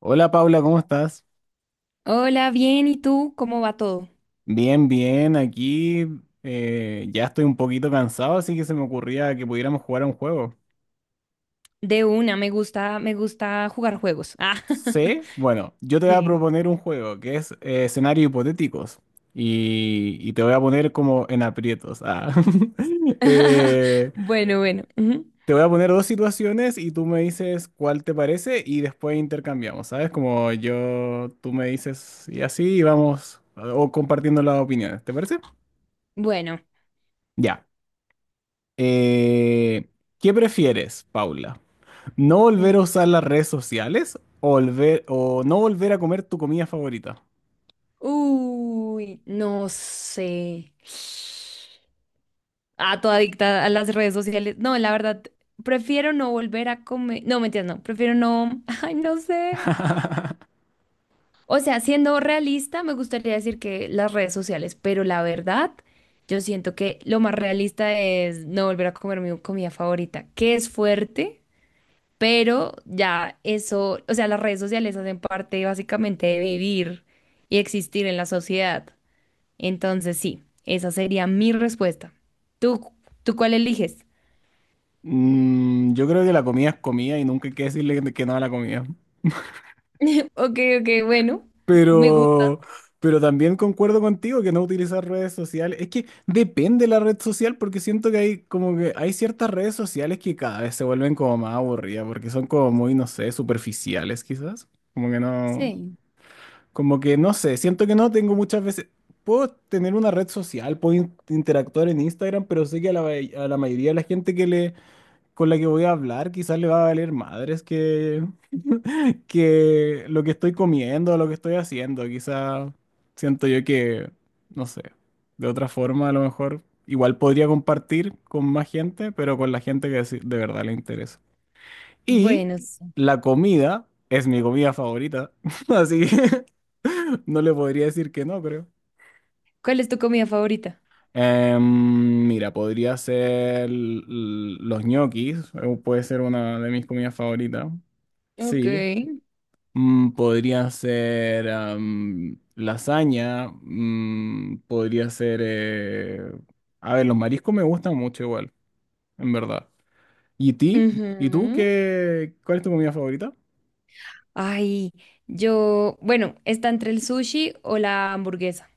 Hola Paula, ¿cómo estás? Hola, bien, ¿y tú? ¿Cómo va todo? Bien, bien, aquí ya estoy un poquito cansado, así que se me ocurría que pudiéramos jugar a un juego. De una, me gusta jugar juegos. Ah. Sí, bueno, yo te voy a Sí. proponer un juego que es escenarios hipotéticos y te voy a poner como en aprietos. Ah. Eh, Bueno. Ujú. te voy a poner dos situaciones y tú me dices cuál te parece y después intercambiamos, ¿sabes? Como yo, tú me dices y así vamos o compartiendo las opiniones, ¿te parece? Bueno. Ya. Eh, ¿Qué prefieres, Paula? ¿No mm. volver a usar las redes sociales o, no volver a comer tu comida favorita? Uy, no sé. Ah, toda adicta a las redes sociales. No, la verdad, prefiero no volver a comer. No, mentiras, no. Prefiero no. Ay, no sé. O sea, siendo realista, me gustaría decir que las redes sociales, pero la verdad, yo siento que lo más realista es no volver a comer mi comida favorita, que es fuerte, pero ya eso, o sea, las redes sociales hacen parte básicamente de vivir y existir en la sociedad. Entonces, sí, esa sería mi respuesta. ¿Tú, tú cuál eliges? Mm, yo creo que la comida es comida y nunca hay que decirle que no a la comida. Ok, ok, bueno, me gusta. Pero, pero también concuerdo contigo que no utilizar redes sociales. Es que depende la red social porque siento que hay como que hay ciertas redes sociales que cada vez se vuelven como más aburridas porque son como muy, no sé, superficiales quizás. Como que no. Sí. Como que no sé, siento que no tengo muchas veces. Puedo tener una red social, puedo interactuar en Instagram, pero sé que a la, a la mayoría de la gente con la que voy a hablar quizás le va a valer madres que lo que estoy comiendo, lo que estoy haciendo. Quizás siento yo que, no sé, de otra forma a lo mejor igual podría compartir con más gente, pero con la gente que de verdad le interesa. Y Bueno, sí. la comida es mi comida favorita, así que no le podría decir que no, creo. ¿Cuál es tu comida favorita? Em, mira, podría ser los ñoquis, puede ser una de mis comidas favoritas, Ok. sí. Mm, podría ser am, lasaña, mm, podría ser... a ver, los mariscos me gustan mucho igual, en verdad. ¿Y ti? ¿Y tú Ujú. qué? ¿Cuál es tu comida favorita? Ay, yo, bueno, está entre el sushi o la hamburguesa.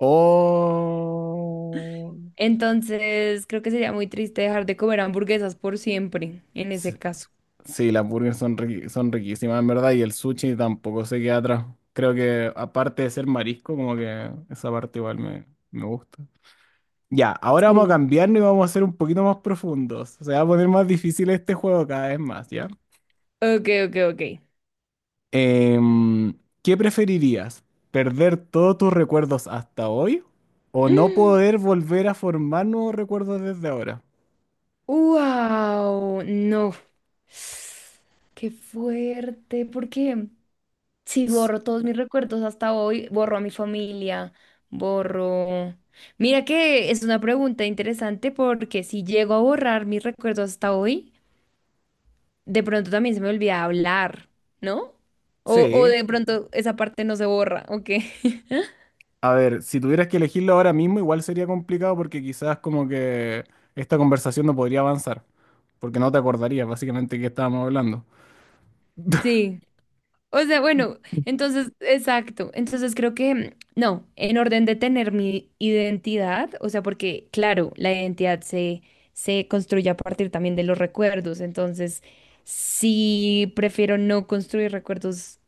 Oh. Entonces, creo que sería muy triste dejar de comer hamburguesas por siempre, en ese Sí, caso. sí, las burgers son, son riquísimas, en verdad, y el sushi tampoco se queda atrás. Creo que aparte de ser marisco, como que esa parte me gusta. Ya, ahora vamos a Sí. cambiarnos y vamos a ser un poquito más profundos. Se va a poner más difícil este juego cada vez más, ¿ya? Ok, ok, ok. Em, ¿Qué preferirías? ¿Perder todos tus recuerdos hasta hoy o no poder volver a formar nuevos recuerdos desde ahora? ¡Wow! No. ¡Qué fuerte! Porque si S- borro todos mis recuerdos hasta hoy, borro a mi familia, borro... Mira que es una pregunta interesante porque si llego a borrar mis recuerdos hasta hoy, de pronto también se me olvida hablar, ¿no? O Sí, de pronto esa parte no se borra, ¿o qué? a ver, si tuvieras que elegirlo ahora mismo, igual sería complicado porque quizás como que esta conversación no podría avanzar, porque no te acordarías básicamente que estábamos hablando. Sí. O sea, bueno, entonces, exacto. Entonces creo que, no, en orden de tener mi identidad, o sea, porque, claro, se construye a partir también de los recuerdos. Entonces, sí, prefiero no construir recuerdos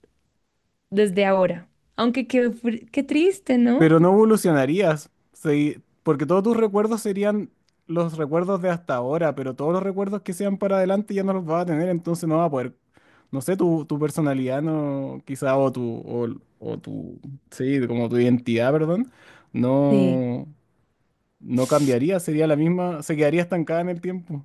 desde ahora. Aunque qué, qué triste, ¿no? Pero no evolucionarías, porque todos tus recuerdos serían los recuerdos de hasta ahora, pero todos los recuerdos que sean para adelante ya no los vas a tener, entonces no vas a poder, no sé, tu personalidad no, quizá, o tu, sí, como tu identidad, perdón, Sí. no, no cambiaría, sería la misma, se quedaría estancada en el tiempo.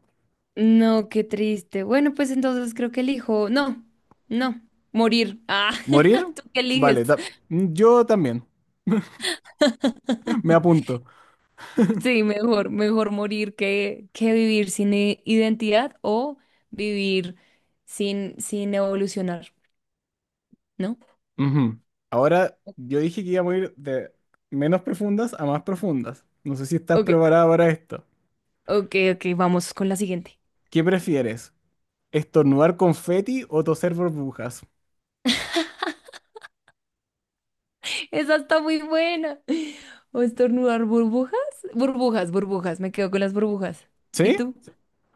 No, qué triste. Bueno, pues entonces creo que elijo. No, no, morir. Ah, ¿Morir? ¿tú qué eliges? Vale, yo también. Me apunto. Sí, mejor, mejor morir que vivir sin identidad o vivir sin evolucionar, ¿no? Ujú. Ahora, yo dije que iba a morir de menos profundas a más profundas. No sé si estás Ok, preparada para esto. ok, ok, vamos con la siguiente. ¿Qué prefieres? ¿Estornudar confeti o toser burbujas? Esa está muy buena. ¿O estornudar burbujas? Burbujas, burbujas, me quedo con las burbujas. ¿Y ¿Sí? tú?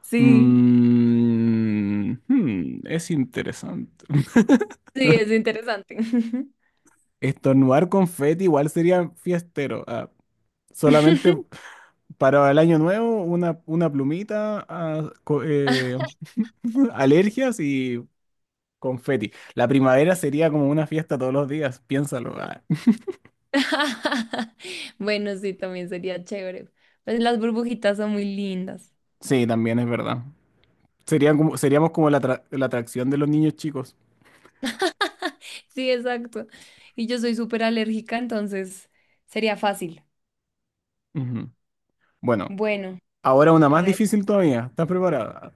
Sí, Es interesante. sí, es interesante. Estornudar confeti igual sería fiestero. Ah, solamente para el año nuevo, una plumita, ah, alergias y confeti. La primavera sería como una fiesta todos los días, piénsalo. Ah. Bueno, sí, también sería chévere. Pues las burbujitas son muy lindas. Sí, también es verdad. Seríamos como la, la atracción de los niños chicos. Sí, exacto. Y yo soy súper alérgica, entonces sería fácil. Ujú. Bueno, Bueno, ahora una a más ver, difícil todavía. ¿Estás preparada?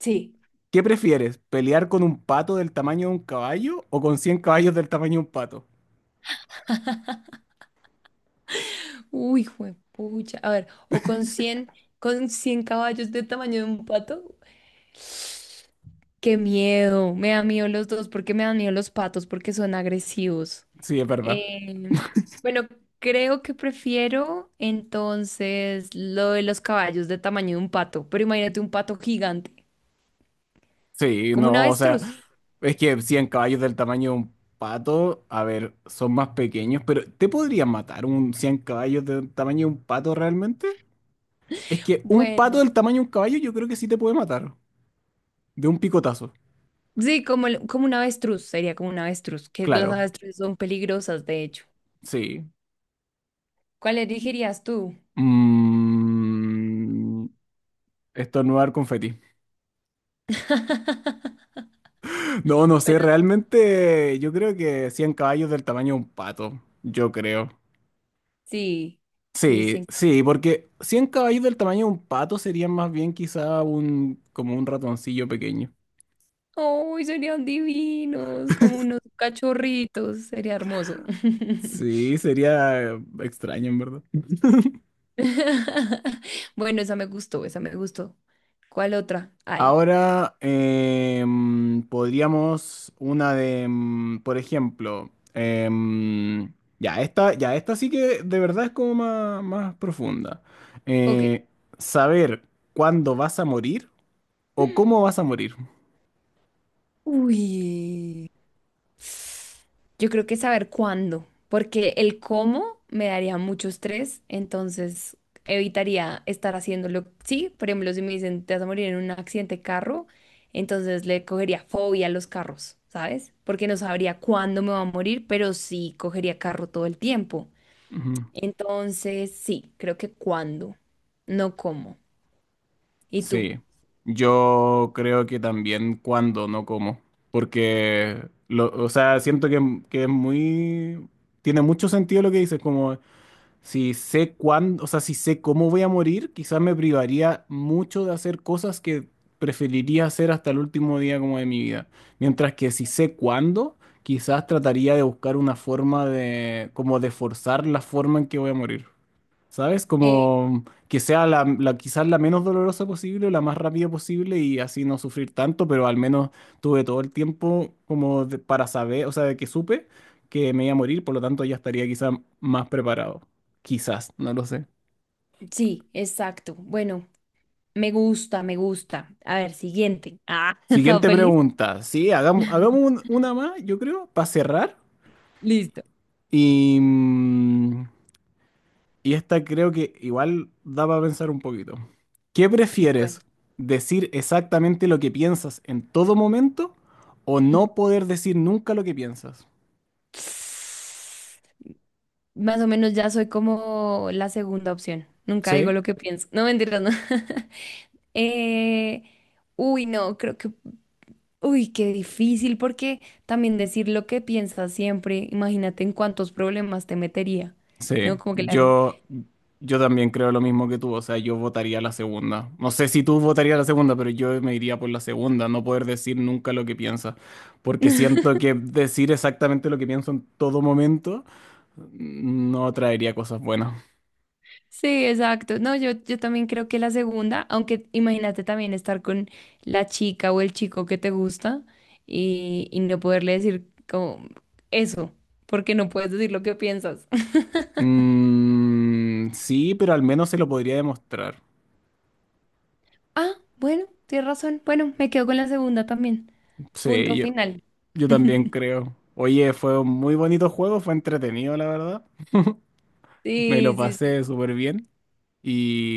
sí. ¿Qué prefieres? ¿Pelear con un pato del tamaño de un caballo o con 100 caballos del tamaño de un pato? Uy, juepucha. A ver, o con cien caballos de tamaño de un pato. Qué miedo. Me da miedo los dos. ¿Por qué me dan miedo los patos? Porque son agresivos. Sí, es verdad. Eh, bueno, creo que prefiero entonces lo de los caballos de tamaño de un pato, pero imagínate un pato gigante, Sí, como un no, o sea, avestruz. es que 100 caballos del tamaño de un pato, a ver, son más pequeños, pero ¿te podrían matar un 100 caballos del tamaño de un pato realmente? Es que un pato Bueno, del tamaño de un caballo yo creo que sí te puede matar. De un picotazo. sí, como, como un avestruz, sería como un avestruz, que las Claro, avestruces son peligrosas, de hecho. sí. ¿Cuál elegirías tú? Mm, estornudar confeti. No, no sé, Pero realmente yo creo que 100 caballos del tamaño de un pato. Yo creo. sí, sí, sí. Sí, sí, porque 100 caballos del tamaño de un pato serían más bien quizá un, como un ratoncillo pequeño. ¡Serían divinos! Como unos cachorritos, sería hermoso. Sí, sería extraño en verdad. Bueno, esa me gustó, esa me gustó. ¿Cuál otra? Ay. Ahora podríamos una de, em, por ejemplo, em, ya esta sí que de verdad es como más, más profunda. Ok. Eh, saber cuándo vas a morir o cómo vas a morir. Uy. Yo creo que saber cuándo, porque el cómo me daría mucho estrés, entonces evitaría estar haciéndolo. Sí, por ejemplo, si me dicen te vas a morir en un accidente de carro, entonces le cogería fobia a los carros, ¿sabes? Porque no sabría cuándo me va a morir, pero sí cogería carro todo el tiempo. Ujú. Entonces, sí, creo que cuándo, no cómo. ¿Y tú? Sí, yo creo que también cuándo, no cómo, porque, o sea, siento que es muy, tiene mucho sentido lo que dices, como si sé cuándo, o sea, si sé cómo voy a morir, quizás me privaría mucho de hacer cosas que preferiría hacer hasta el último día como de mi vida. Mientras que si sé cuándo, quizás trataría de buscar una forma de, como de forzar la forma en que voy a morir. ¿Sabes? Eh, Como que sea la, quizás la menos dolorosa posible o la más rápida posible y así no sufrir tanto, pero al menos tuve todo el tiempo como para saber, o sea, de que supe que me iba a morir, por lo tanto ya estaría quizás más preparado. Quizás, no lo sé. sí, exacto. Bueno, me gusta, me gusta. A ver, siguiente. Ah, ¿estaba Siguiente feliz? pregunta. Sí, hagamos una más, yo creo, para cerrar. Listo. Y, mm, y esta creo que igual da para pensar un poquito. ¿Qué prefieres? Bueno. ¿Decir exactamente lo que piensas en todo momento o no poder decir nunca lo que piensas? Más o menos ya soy como la segunda opción. Nunca digo Sí, lo que pienso. No, mentira, no. Eh, uy, no, creo que... Uy, qué difícil, porque también decir lo que piensas siempre, imagínate en cuántos problemas te metería, sí. ¿no? Como que la... Yo también creo lo mismo que tú. O sea, yo votaría la segunda. No sé si tú votarías la segunda, pero yo me iría por la segunda, no poder decir nunca lo que piensas. Porque siento que decir exactamente lo que pienso en todo momento mm, no traería cosas buenas. Sí, exacto. No, yo también creo que la segunda, aunque imagínate también estar con la chica o el chico que te gusta y no poderle decir como eso, porque no puedes decir lo que piensas. Mm, sí, pero al menos se lo podría demostrar. Ah, bueno, tienes razón. Bueno, me quedo con la segunda también. Sí, Punto final. yo también creo. Oye, fue un muy bonito juego, fue entretenido, la verdad. Me lo Sí, sí, sí. pasé súper bien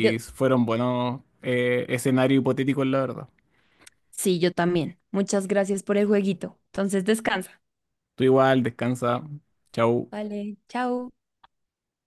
Yo, fueron buenos escenarios hipotéticos, la verdad. sí, yo también. Muchas gracias por el jueguito. Entonces descansa. Tú igual, descansa. Chau. Vale, chao.